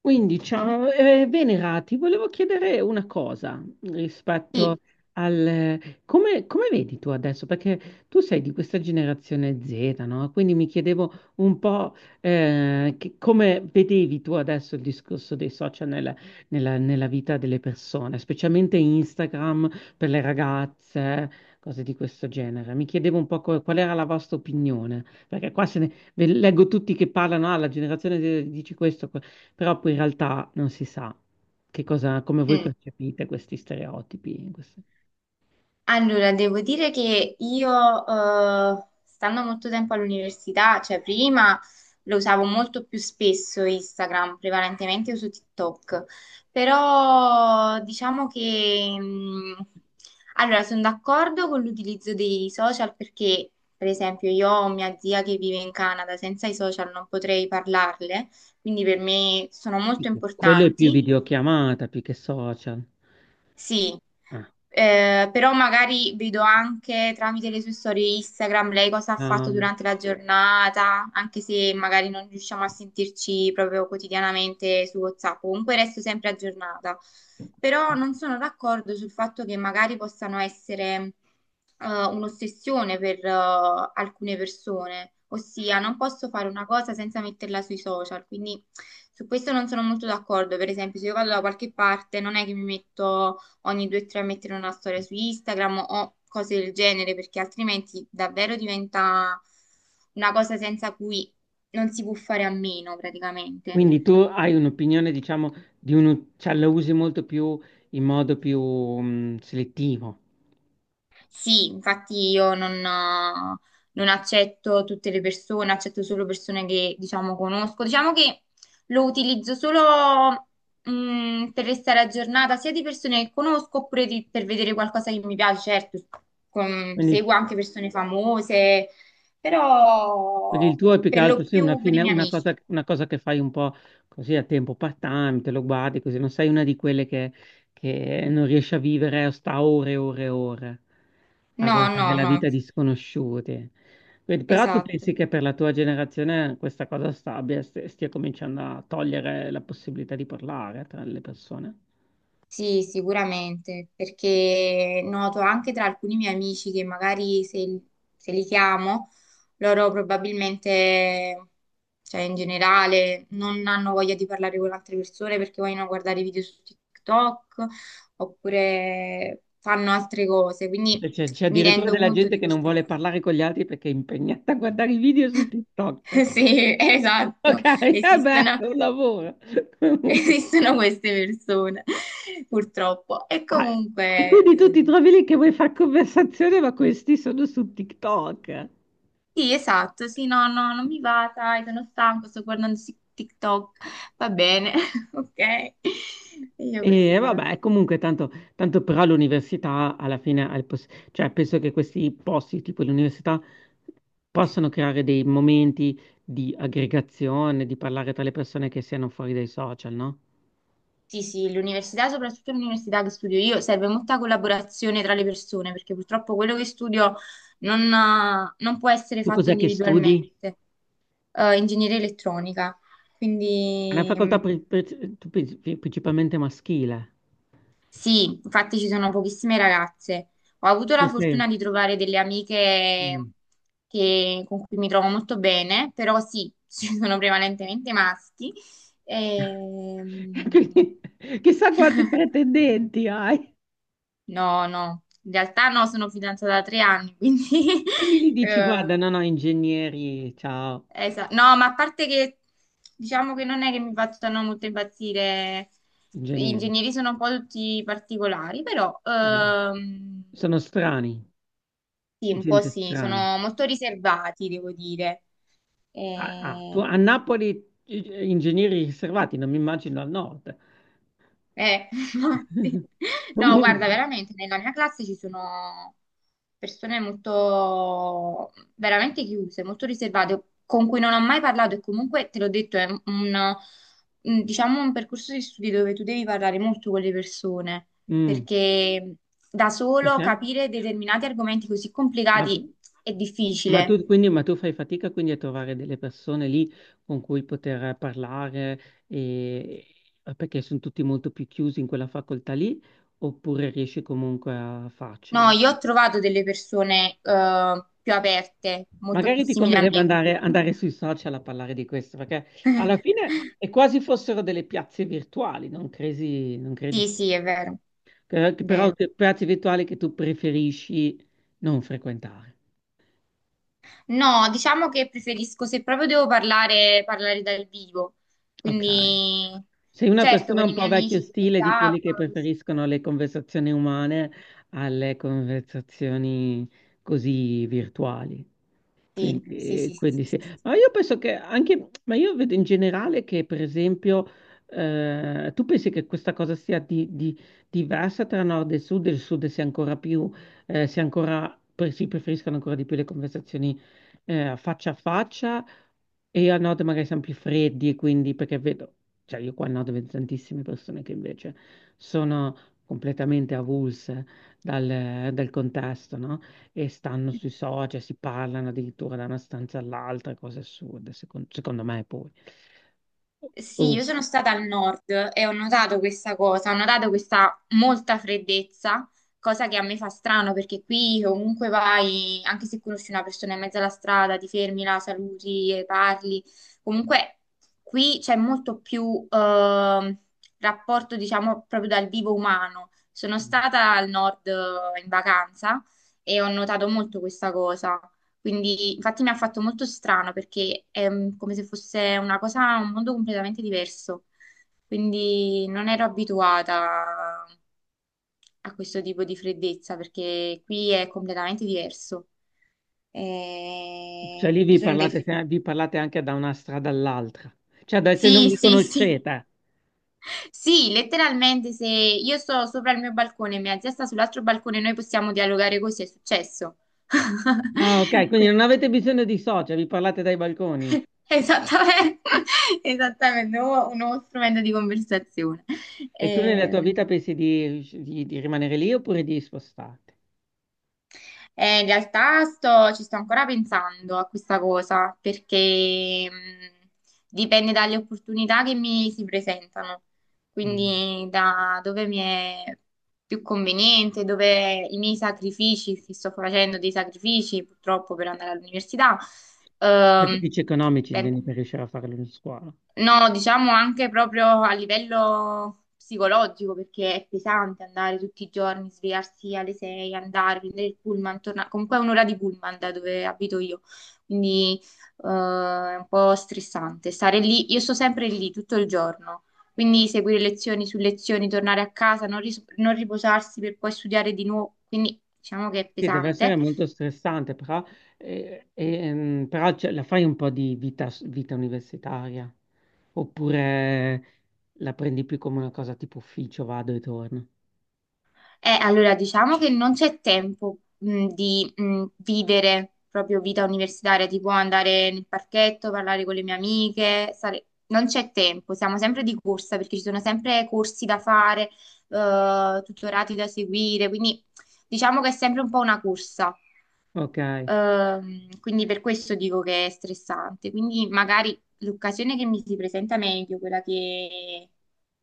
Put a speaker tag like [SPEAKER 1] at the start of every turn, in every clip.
[SPEAKER 1] Quindi, ciao, Venera, ti volevo chiedere una cosa rispetto
[SPEAKER 2] Sì,
[SPEAKER 1] al. Come vedi tu adesso? Perché tu sei di questa generazione Z, no? Quindi mi chiedevo un po' come vedevi tu adesso il discorso dei social nella vita delle persone, specialmente Instagram per le ragazze, cose di questo genere. Mi chiedevo un po' qual era la vostra opinione, perché qua se ne... ve- leggo tutti che parlano, ah, la generazione Z dice questo, però poi in realtà non si sa che cosa, come voi
[SPEAKER 2] mm.
[SPEAKER 1] percepite questi stereotipi.
[SPEAKER 2] Allora devo dire che io, stando molto tempo all'università, cioè prima lo usavo molto più spesso Instagram, prevalentemente uso TikTok, però diciamo che, allora sono d'accordo con l'utilizzo dei social perché, per esempio, io ho mia zia che vive in Canada, senza i social non potrei parlarle, quindi per me sono molto
[SPEAKER 1] Quello è più
[SPEAKER 2] importanti.
[SPEAKER 1] videochiamata, più che social.
[SPEAKER 2] Sì,
[SPEAKER 1] Ah,
[SPEAKER 2] però magari vedo anche tramite le sue storie Instagram lei cosa ha fatto
[SPEAKER 1] ah.
[SPEAKER 2] durante la giornata, anche se magari non riusciamo a sentirci proprio quotidianamente su WhatsApp, comunque resto sempre aggiornata. Però non sono d'accordo sul fatto che magari possano essere un'ossessione per alcune persone, ossia non posso fare una cosa senza metterla sui social, quindi su questo non sono molto d'accordo. Per esempio, se io vado da qualche parte, non è che mi metto ogni due o tre mettere una storia su Instagram o cose del genere, perché altrimenti davvero diventa una cosa senza cui non si può fare a meno praticamente.
[SPEAKER 1] Quindi tu hai un'opinione, diciamo, di uno, cioè la usi molto più in modo più selettivo.
[SPEAKER 2] Sì, infatti io non accetto tutte le persone, accetto solo persone che, diciamo, conosco. Diciamo che lo utilizzo solo, per restare aggiornata, sia di persone che conosco oppure per vedere qualcosa che mi piace. Certo,
[SPEAKER 1] Quindi
[SPEAKER 2] seguo anche persone famose,
[SPEAKER 1] Quindi il
[SPEAKER 2] però
[SPEAKER 1] tuo è più che
[SPEAKER 2] per lo
[SPEAKER 1] altro sì, una,
[SPEAKER 2] più per i
[SPEAKER 1] fine-
[SPEAKER 2] miei
[SPEAKER 1] una
[SPEAKER 2] amici.
[SPEAKER 1] cosa, una cosa che fai un po' così a tempo part-time, te lo guardi così, non sei una di quelle che non riesce a vivere, o sta ore e ore e ore a
[SPEAKER 2] No,
[SPEAKER 1] guardare
[SPEAKER 2] no,
[SPEAKER 1] la
[SPEAKER 2] no,
[SPEAKER 1] vita di sconosciuti. Quindi, però tu
[SPEAKER 2] esatto.
[SPEAKER 1] pensi che per la tua generazione questa cosa stia cominciando a togliere la possibilità di parlare tra le persone?
[SPEAKER 2] Sì, sicuramente, perché noto anche tra alcuni miei amici che magari se, se li chiamo, loro probabilmente, cioè in generale, non hanno voglia di parlare con altre persone perché vogliono guardare video su TikTok oppure fanno altre cose, quindi
[SPEAKER 1] Cioè, c'è
[SPEAKER 2] mi
[SPEAKER 1] addirittura
[SPEAKER 2] rendo
[SPEAKER 1] della
[SPEAKER 2] conto
[SPEAKER 1] gente
[SPEAKER 2] di
[SPEAKER 1] che non
[SPEAKER 2] questa
[SPEAKER 1] vuole
[SPEAKER 2] cosa.
[SPEAKER 1] parlare con gli altri perché è impegnata a guardare i video su TikTok.
[SPEAKER 2] Sì, esatto,
[SPEAKER 1] Ok, vabbè,
[SPEAKER 2] esistono,
[SPEAKER 1] è un lavoro. Comunque.
[SPEAKER 2] esistono queste persone, purtroppo. E
[SPEAKER 1] Ah, e quindi tu
[SPEAKER 2] comunque.
[SPEAKER 1] ti trovi lì che vuoi fare conversazione, ma questi sono su TikTok.
[SPEAKER 2] Sì, esatto, sì, no, no, non mi va, sai, sono stanco, sto guardando TikTok, va bene, ok? E io
[SPEAKER 1] E
[SPEAKER 2] così, va
[SPEAKER 1] vabbè,
[SPEAKER 2] bene.
[SPEAKER 1] comunque tanto però l'università alla fine, cioè penso che questi posti tipo l'università possono creare dei momenti di aggregazione, di parlare tra le persone che siano fuori dai social, no?
[SPEAKER 2] Sì, sì, l'università, soprattutto l'università che studio io, serve molta collaborazione tra le persone, perché purtroppo quello che studio non può essere
[SPEAKER 1] Tu
[SPEAKER 2] fatto
[SPEAKER 1] cos'è che studi?
[SPEAKER 2] individualmente. Ingegneria elettronica,
[SPEAKER 1] È una
[SPEAKER 2] quindi. Mm.
[SPEAKER 1] facoltà principalmente maschile.
[SPEAKER 2] Sì, infatti ci sono pochissime ragazze. Ho avuto
[SPEAKER 1] Tu
[SPEAKER 2] la
[SPEAKER 1] sei.
[SPEAKER 2] fortuna di trovare delle amiche
[SPEAKER 1] Mm.
[SPEAKER 2] con cui mi trovo molto bene, però sì, ci sono prevalentemente maschi. Ehm,
[SPEAKER 1] Quindi, chissà quanti pretendenti hai.
[SPEAKER 2] no, no, in realtà no, sono fidanzata da 3 anni, quindi.
[SPEAKER 1] Quindi gli dici,
[SPEAKER 2] eh,
[SPEAKER 1] guarda, no, no, ingegneri, ciao,
[SPEAKER 2] No, ma a parte che diciamo che non è che mi facciano molto impazzire, gli
[SPEAKER 1] ingegneri.
[SPEAKER 2] ingegneri sono un po' tutti particolari, però.
[SPEAKER 1] Eh, Sono strani,
[SPEAKER 2] Sì, un po'
[SPEAKER 1] gente
[SPEAKER 2] sì,
[SPEAKER 1] strana.
[SPEAKER 2] sono molto riservati, devo dire.
[SPEAKER 1] Ah, ah,
[SPEAKER 2] Eh,
[SPEAKER 1] a Napoli ingegneri riservati, non mi immagino al nord.
[SPEAKER 2] infatti. No, guarda,
[SPEAKER 1] Comunque,
[SPEAKER 2] veramente, nella mia classe ci sono persone molto, veramente chiuse, molto riservate, con cui non ho mai parlato e comunque, te l'ho detto, è un, diciamo, un percorso di studi dove tu devi parlare molto con le persone,
[SPEAKER 1] mm,
[SPEAKER 2] perché da solo
[SPEAKER 1] perché?
[SPEAKER 2] capire determinati argomenti così
[SPEAKER 1] Ma,
[SPEAKER 2] complicati è
[SPEAKER 1] ma
[SPEAKER 2] difficile.
[SPEAKER 1] tu, quindi, ma tu fai fatica quindi a trovare delle persone lì con cui poter parlare e- perché sono tutti molto più chiusi in quella facoltà lì, oppure riesci comunque a farcela?
[SPEAKER 2] No, io ho trovato delle persone più aperte, molto più
[SPEAKER 1] Magari ti
[SPEAKER 2] simili a
[SPEAKER 1] converrebbe
[SPEAKER 2] me, con cui
[SPEAKER 1] andare,
[SPEAKER 2] parlo.
[SPEAKER 1] andare sui social a parlare di questo, perché alla fine è quasi fossero delle piazze virtuali, non credi? Non credi?
[SPEAKER 2] Sì, sì, è vero,
[SPEAKER 1] Che
[SPEAKER 2] è
[SPEAKER 1] Però
[SPEAKER 2] vero.
[SPEAKER 1] che piazze virtuali che tu preferisci non frequentare.
[SPEAKER 2] No, diciamo che preferisco, se proprio devo parlare, parlare dal vivo.
[SPEAKER 1] Ok.
[SPEAKER 2] Quindi,
[SPEAKER 1] Sei una
[SPEAKER 2] certo,
[SPEAKER 1] persona
[SPEAKER 2] con i
[SPEAKER 1] un
[SPEAKER 2] miei
[SPEAKER 1] po' vecchio
[SPEAKER 2] amici su
[SPEAKER 1] stile di
[SPEAKER 2] WhatsApp.
[SPEAKER 1] quelli che preferiscono le conversazioni umane alle conversazioni così virtuali.
[SPEAKER 2] Sì, sì,
[SPEAKER 1] Quindi,
[SPEAKER 2] sì, sì,
[SPEAKER 1] quindi
[SPEAKER 2] sì,
[SPEAKER 1] sì.
[SPEAKER 2] sì, sì.
[SPEAKER 1] Ma io vedo in generale che, per esempio, tu pensi che questa cosa sia diversa tra nord e sud? Il sud sia ancora più, sia ancora, pre- si preferiscono ancora di più le conversazioni, faccia a faccia e a nord magari siamo più freddi, e quindi perché vedo, cioè io qua a nord vedo tantissime persone che invece sono completamente avulse dal contesto, no? E stanno sui social, si parlano addirittura da una stanza all'altra, cose assurde, secondo me poi.
[SPEAKER 2] Sì,
[SPEAKER 1] Oh,
[SPEAKER 2] io sono stata al nord e ho notato questa cosa, ho notato questa molta freddezza, cosa che a me fa strano perché qui ovunque vai, anche se conosci una persona in mezzo alla strada, ti fermi, la saluti e parli. Comunque qui c'è molto più rapporto, diciamo, proprio dal vivo umano. Sono stata al nord in vacanza e ho notato molto questa cosa. Quindi, infatti, mi ha fatto molto strano perché è come se fosse una cosa, un mondo completamente diverso. Quindi, non ero abituata a questo tipo di freddezza perché qui è completamente diverso.
[SPEAKER 1] cioè lì
[SPEAKER 2] Io
[SPEAKER 1] vi
[SPEAKER 2] sono dei.
[SPEAKER 1] parlate, cioè vi parlate anche da una strada all'altra, se non
[SPEAKER 2] Sì,
[SPEAKER 1] vi
[SPEAKER 2] sì, sì.
[SPEAKER 1] conoscete.
[SPEAKER 2] Sì, letteralmente, se io sto sopra il mio balcone e mia zia sta sull'altro balcone, noi possiamo dialogare così, è successo.
[SPEAKER 1] Ah, ok, quindi
[SPEAKER 2] Quindi,
[SPEAKER 1] non avete bisogno di social, vi parlate dai balconi.
[SPEAKER 2] esattamente, esattamente, un nuovo strumento di conversazione.
[SPEAKER 1] E tu nella tua
[SPEAKER 2] Ehm,
[SPEAKER 1] vita pensi di rimanere lì oppure di spostarti?
[SPEAKER 2] in realtà ci sto ancora pensando a questa cosa perché dipende dalle opportunità che mi si presentano,
[SPEAKER 1] Mm.
[SPEAKER 2] quindi da dove mi è più conveniente, dove i miei sacrifici, se sto facendo dei sacrifici purtroppo per andare all'università.
[SPEAKER 1] Per
[SPEAKER 2] Ehm,
[SPEAKER 1] capricci economici
[SPEAKER 2] ben
[SPEAKER 1] intendi per riuscire a fare la scuola.
[SPEAKER 2] No, diciamo anche proprio a livello psicologico, perché è pesante andare tutti i giorni, svegliarsi alle 6, andare, prendere il pullman, tornare. Comunque è un'ora di pullman da dove abito io, quindi è un po' stressante stare lì. Io sto sempre lì tutto il giorno, quindi seguire lezioni su lezioni, tornare a casa, non riposarsi per poi studiare di nuovo, quindi diciamo che è
[SPEAKER 1] Sì, deve essere
[SPEAKER 2] pesante.
[SPEAKER 1] molto stressante, però, ce la fai un po' di vita universitaria, oppure la prendi più come una cosa tipo ufficio, vado e torno.
[SPEAKER 2] Allora, diciamo che non c'è tempo, di, vivere proprio vita universitaria, tipo andare nel parchetto, parlare con le mie amiche, non c'è tempo, siamo sempre di corsa perché ci sono sempre corsi da fare, tutorati da seguire, quindi diciamo che è sempre un po' una corsa.
[SPEAKER 1] Ok.
[SPEAKER 2] Quindi per questo dico che è stressante. Quindi magari l'occasione che mi si presenta meglio, quella che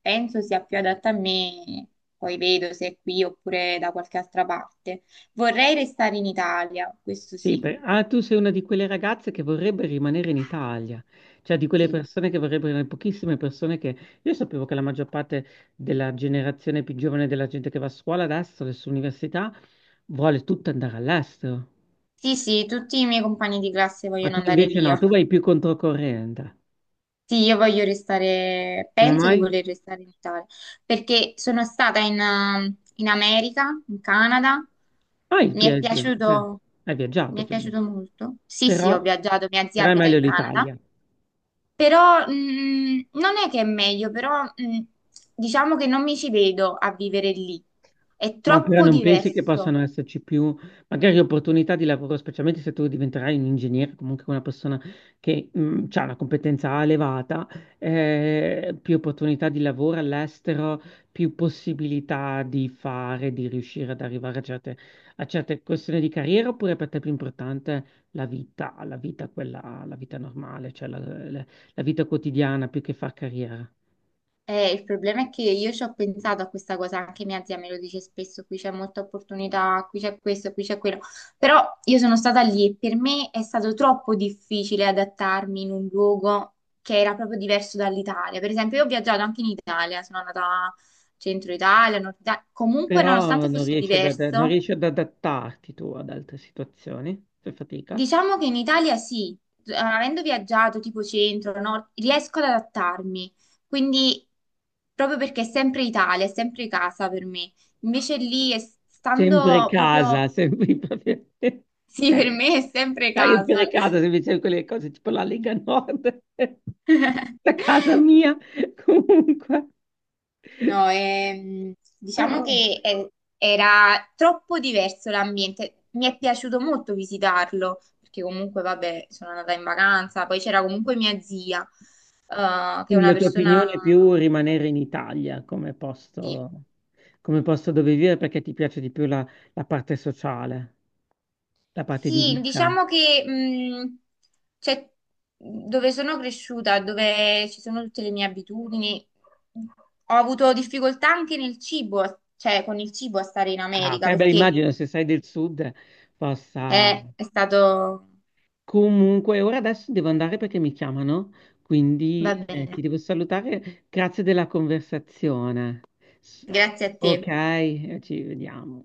[SPEAKER 2] penso sia più adatta a me, poi vedo se è qui oppure da qualche altra parte. Vorrei restare in Italia, questo
[SPEAKER 1] Sì,
[SPEAKER 2] sì.
[SPEAKER 1] tu sei una di quelle ragazze che vorrebbe rimanere in Italia, cioè di quelle
[SPEAKER 2] Sì,
[SPEAKER 1] persone che vorrebbero, le pochissime persone che. Io sapevo che la maggior parte della generazione più giovane della gente che va a scuola adesso all'università, vuole tutta andare all'estero,
[SPEAKER 2] sì, sì, tutti i miei compagni di classe
[SPEAKER 1] ma
[SPEAKER 2] vogliono
[SPEAKER 1] tu
[SPEAKER 2] andare
[SPEAKER 1] invece
[SPEAKER 2] via.
[SPEAKER 1] no, tu vai più controcorrente.
[SPEAKER 2] Sì, io voglio restare,
[SPEAKER 1] Come
[SPEAKER 2] penso di
[SPEAKER 1] mai?
[SPEAKER 2] voler restare in Italia, perché sono stata in America, in Canada,
[SPEAKER 1] Ah,
[SPEAKER 2] mi è
[SPEAKER 1] eh,
[SPEAKER 2] piaciuto,
[SPEAKER 1] hai
[SPEAKER 2] mi
[SPEAKER 1] viaggiato
[SPEAKER 2] è
[SPEAKER 1] quindi,
[SPEAKER 2] piaciuto molto. Sì, sì,
[SPEAKER 1] però,
[SPEAKER 2] ho viaggiato, mia zia
[SPEAKER 1] però è
[SPEAKER 2] abita
[SPEAKER 1] meglio
[SPEAKER 2] in Canada,
[SPEAKER 1] l'Italia.
[SPEAKER 2] però non è che è meglio, però diciamo che non mi ci vedo a vivere lì, è
[SPEAKER 1] Ma però
[SPEAKER 2] troppo
[SPEAKER 1] non pensi che
[SPEAKER 2] diverso.
[SPEAKER 1] possano esserci più, magari opportunità di lavoro, specialmente se tu diventerai un ingegnere, comunque una persona che ha una competenza elevata, più opportunità di lavoro all'estero, più possibilità di fare, di riuscire ad arrivare a certe, questioni di carriera, oppure per te è più importante la vita quella, la vita normale, cioè la vita quotidiana più che far carriera?
[SPEAKER 2] Il problema è che io ci ho pensato a questa cosa, anche mia zia me lo dice spesso, qui c'è molta opportunità, qui c'è questo, qui c'è quello, però io sono stata lì e per me è stato troppo difficile adattarmi in un luogo che era proprio diverso dall'Italia. Per esempio, io ho viaggiato anche in Italia, sono andata a centro Italia, nord Italia, comunque
[SPEAKER 1] Però
[SPEAKER 2] nonostante
[SPEAKER 1] non
[SPEAKER 2] fosse
[SPEAKER 1] riesci non
[SPEAKER 2] diverso,
[SPEAKER 1] riesci ad adattarti tu ad altre situazioni, fai fatica.
[SPEAKER 2] diciamo che in Italia sì, avendo viaggiato tipo centro, nord, riesco ad adattarmi, quindi proprio perché è sempre Italia, è sempre casa per me. Invece lì,
[SPEAKER 1] Sempre
[SPEAKER 2] stando
[SPEAKER 1] casa,
[SPEAKER 2] proprio,
[SPEAKER 1] sempre Ok.
[SPEAKER 2] sì, per me è sempre
[SPEAKER 1] Sempre
[SPEAKER 2] casa.
[SPEAKER 1] casa, se invece quelle cose tipo la Lega Nord, da casa mia, comunque.
[SPEAKER 2] No,
[SPEAKER 1] Però,
[SPEAKER 2] diciamo che era troppo diverso l'ambiente. Mi è piaciuto molto visitarlo, perché comunque, vabbè, sono andata in vacanza, poi c'era comunque mia zia, che è
[SPEAKER 1] quindi
[SPEAKER 2] una
[SPEAKER 1] la tua opinione
[SPEAKER 2] persona.
[SPEAKER 1] è più rimanere in Italia
[SPEAKER 2] Sì,
[SPEAKER 1] come posto dove vivere perché ti piace di più la parte sociale, la parte di
[SPEAKER 2] sì,
[SPEAKER 1] vita.
[SPEAKER 2] diciamo che cioè, dove sono cresciuta, dove ci sono tutte le mie abitudini, ho avuto difficoltà anche nel cibo, cioè con il cibo a stare in
[SPEAKER 1] Ah,
[SPEAKER 2] America,
[SPEAKER 1] ok, beh,
[SPEAKER 2] perché
[SPEAKER 1] immagino se sei del sud possa.
[SPEAKER 2] è stato.
[SPEAKER 1] Comunque, ora adesso devo andare perché mi chiamano,
[SPEAKER 2] Va
[SPEAKER 1] quindi ti
[SPEAKER 2] bene,
[SPEAKER 1] devo salutare. Grazie della conversazione. S-
[SPEAKER 2] grazie a
[SPEAKER 1] Ok,
[SPEAKER 2] te.
[SPEAKER 1] ci vediamo.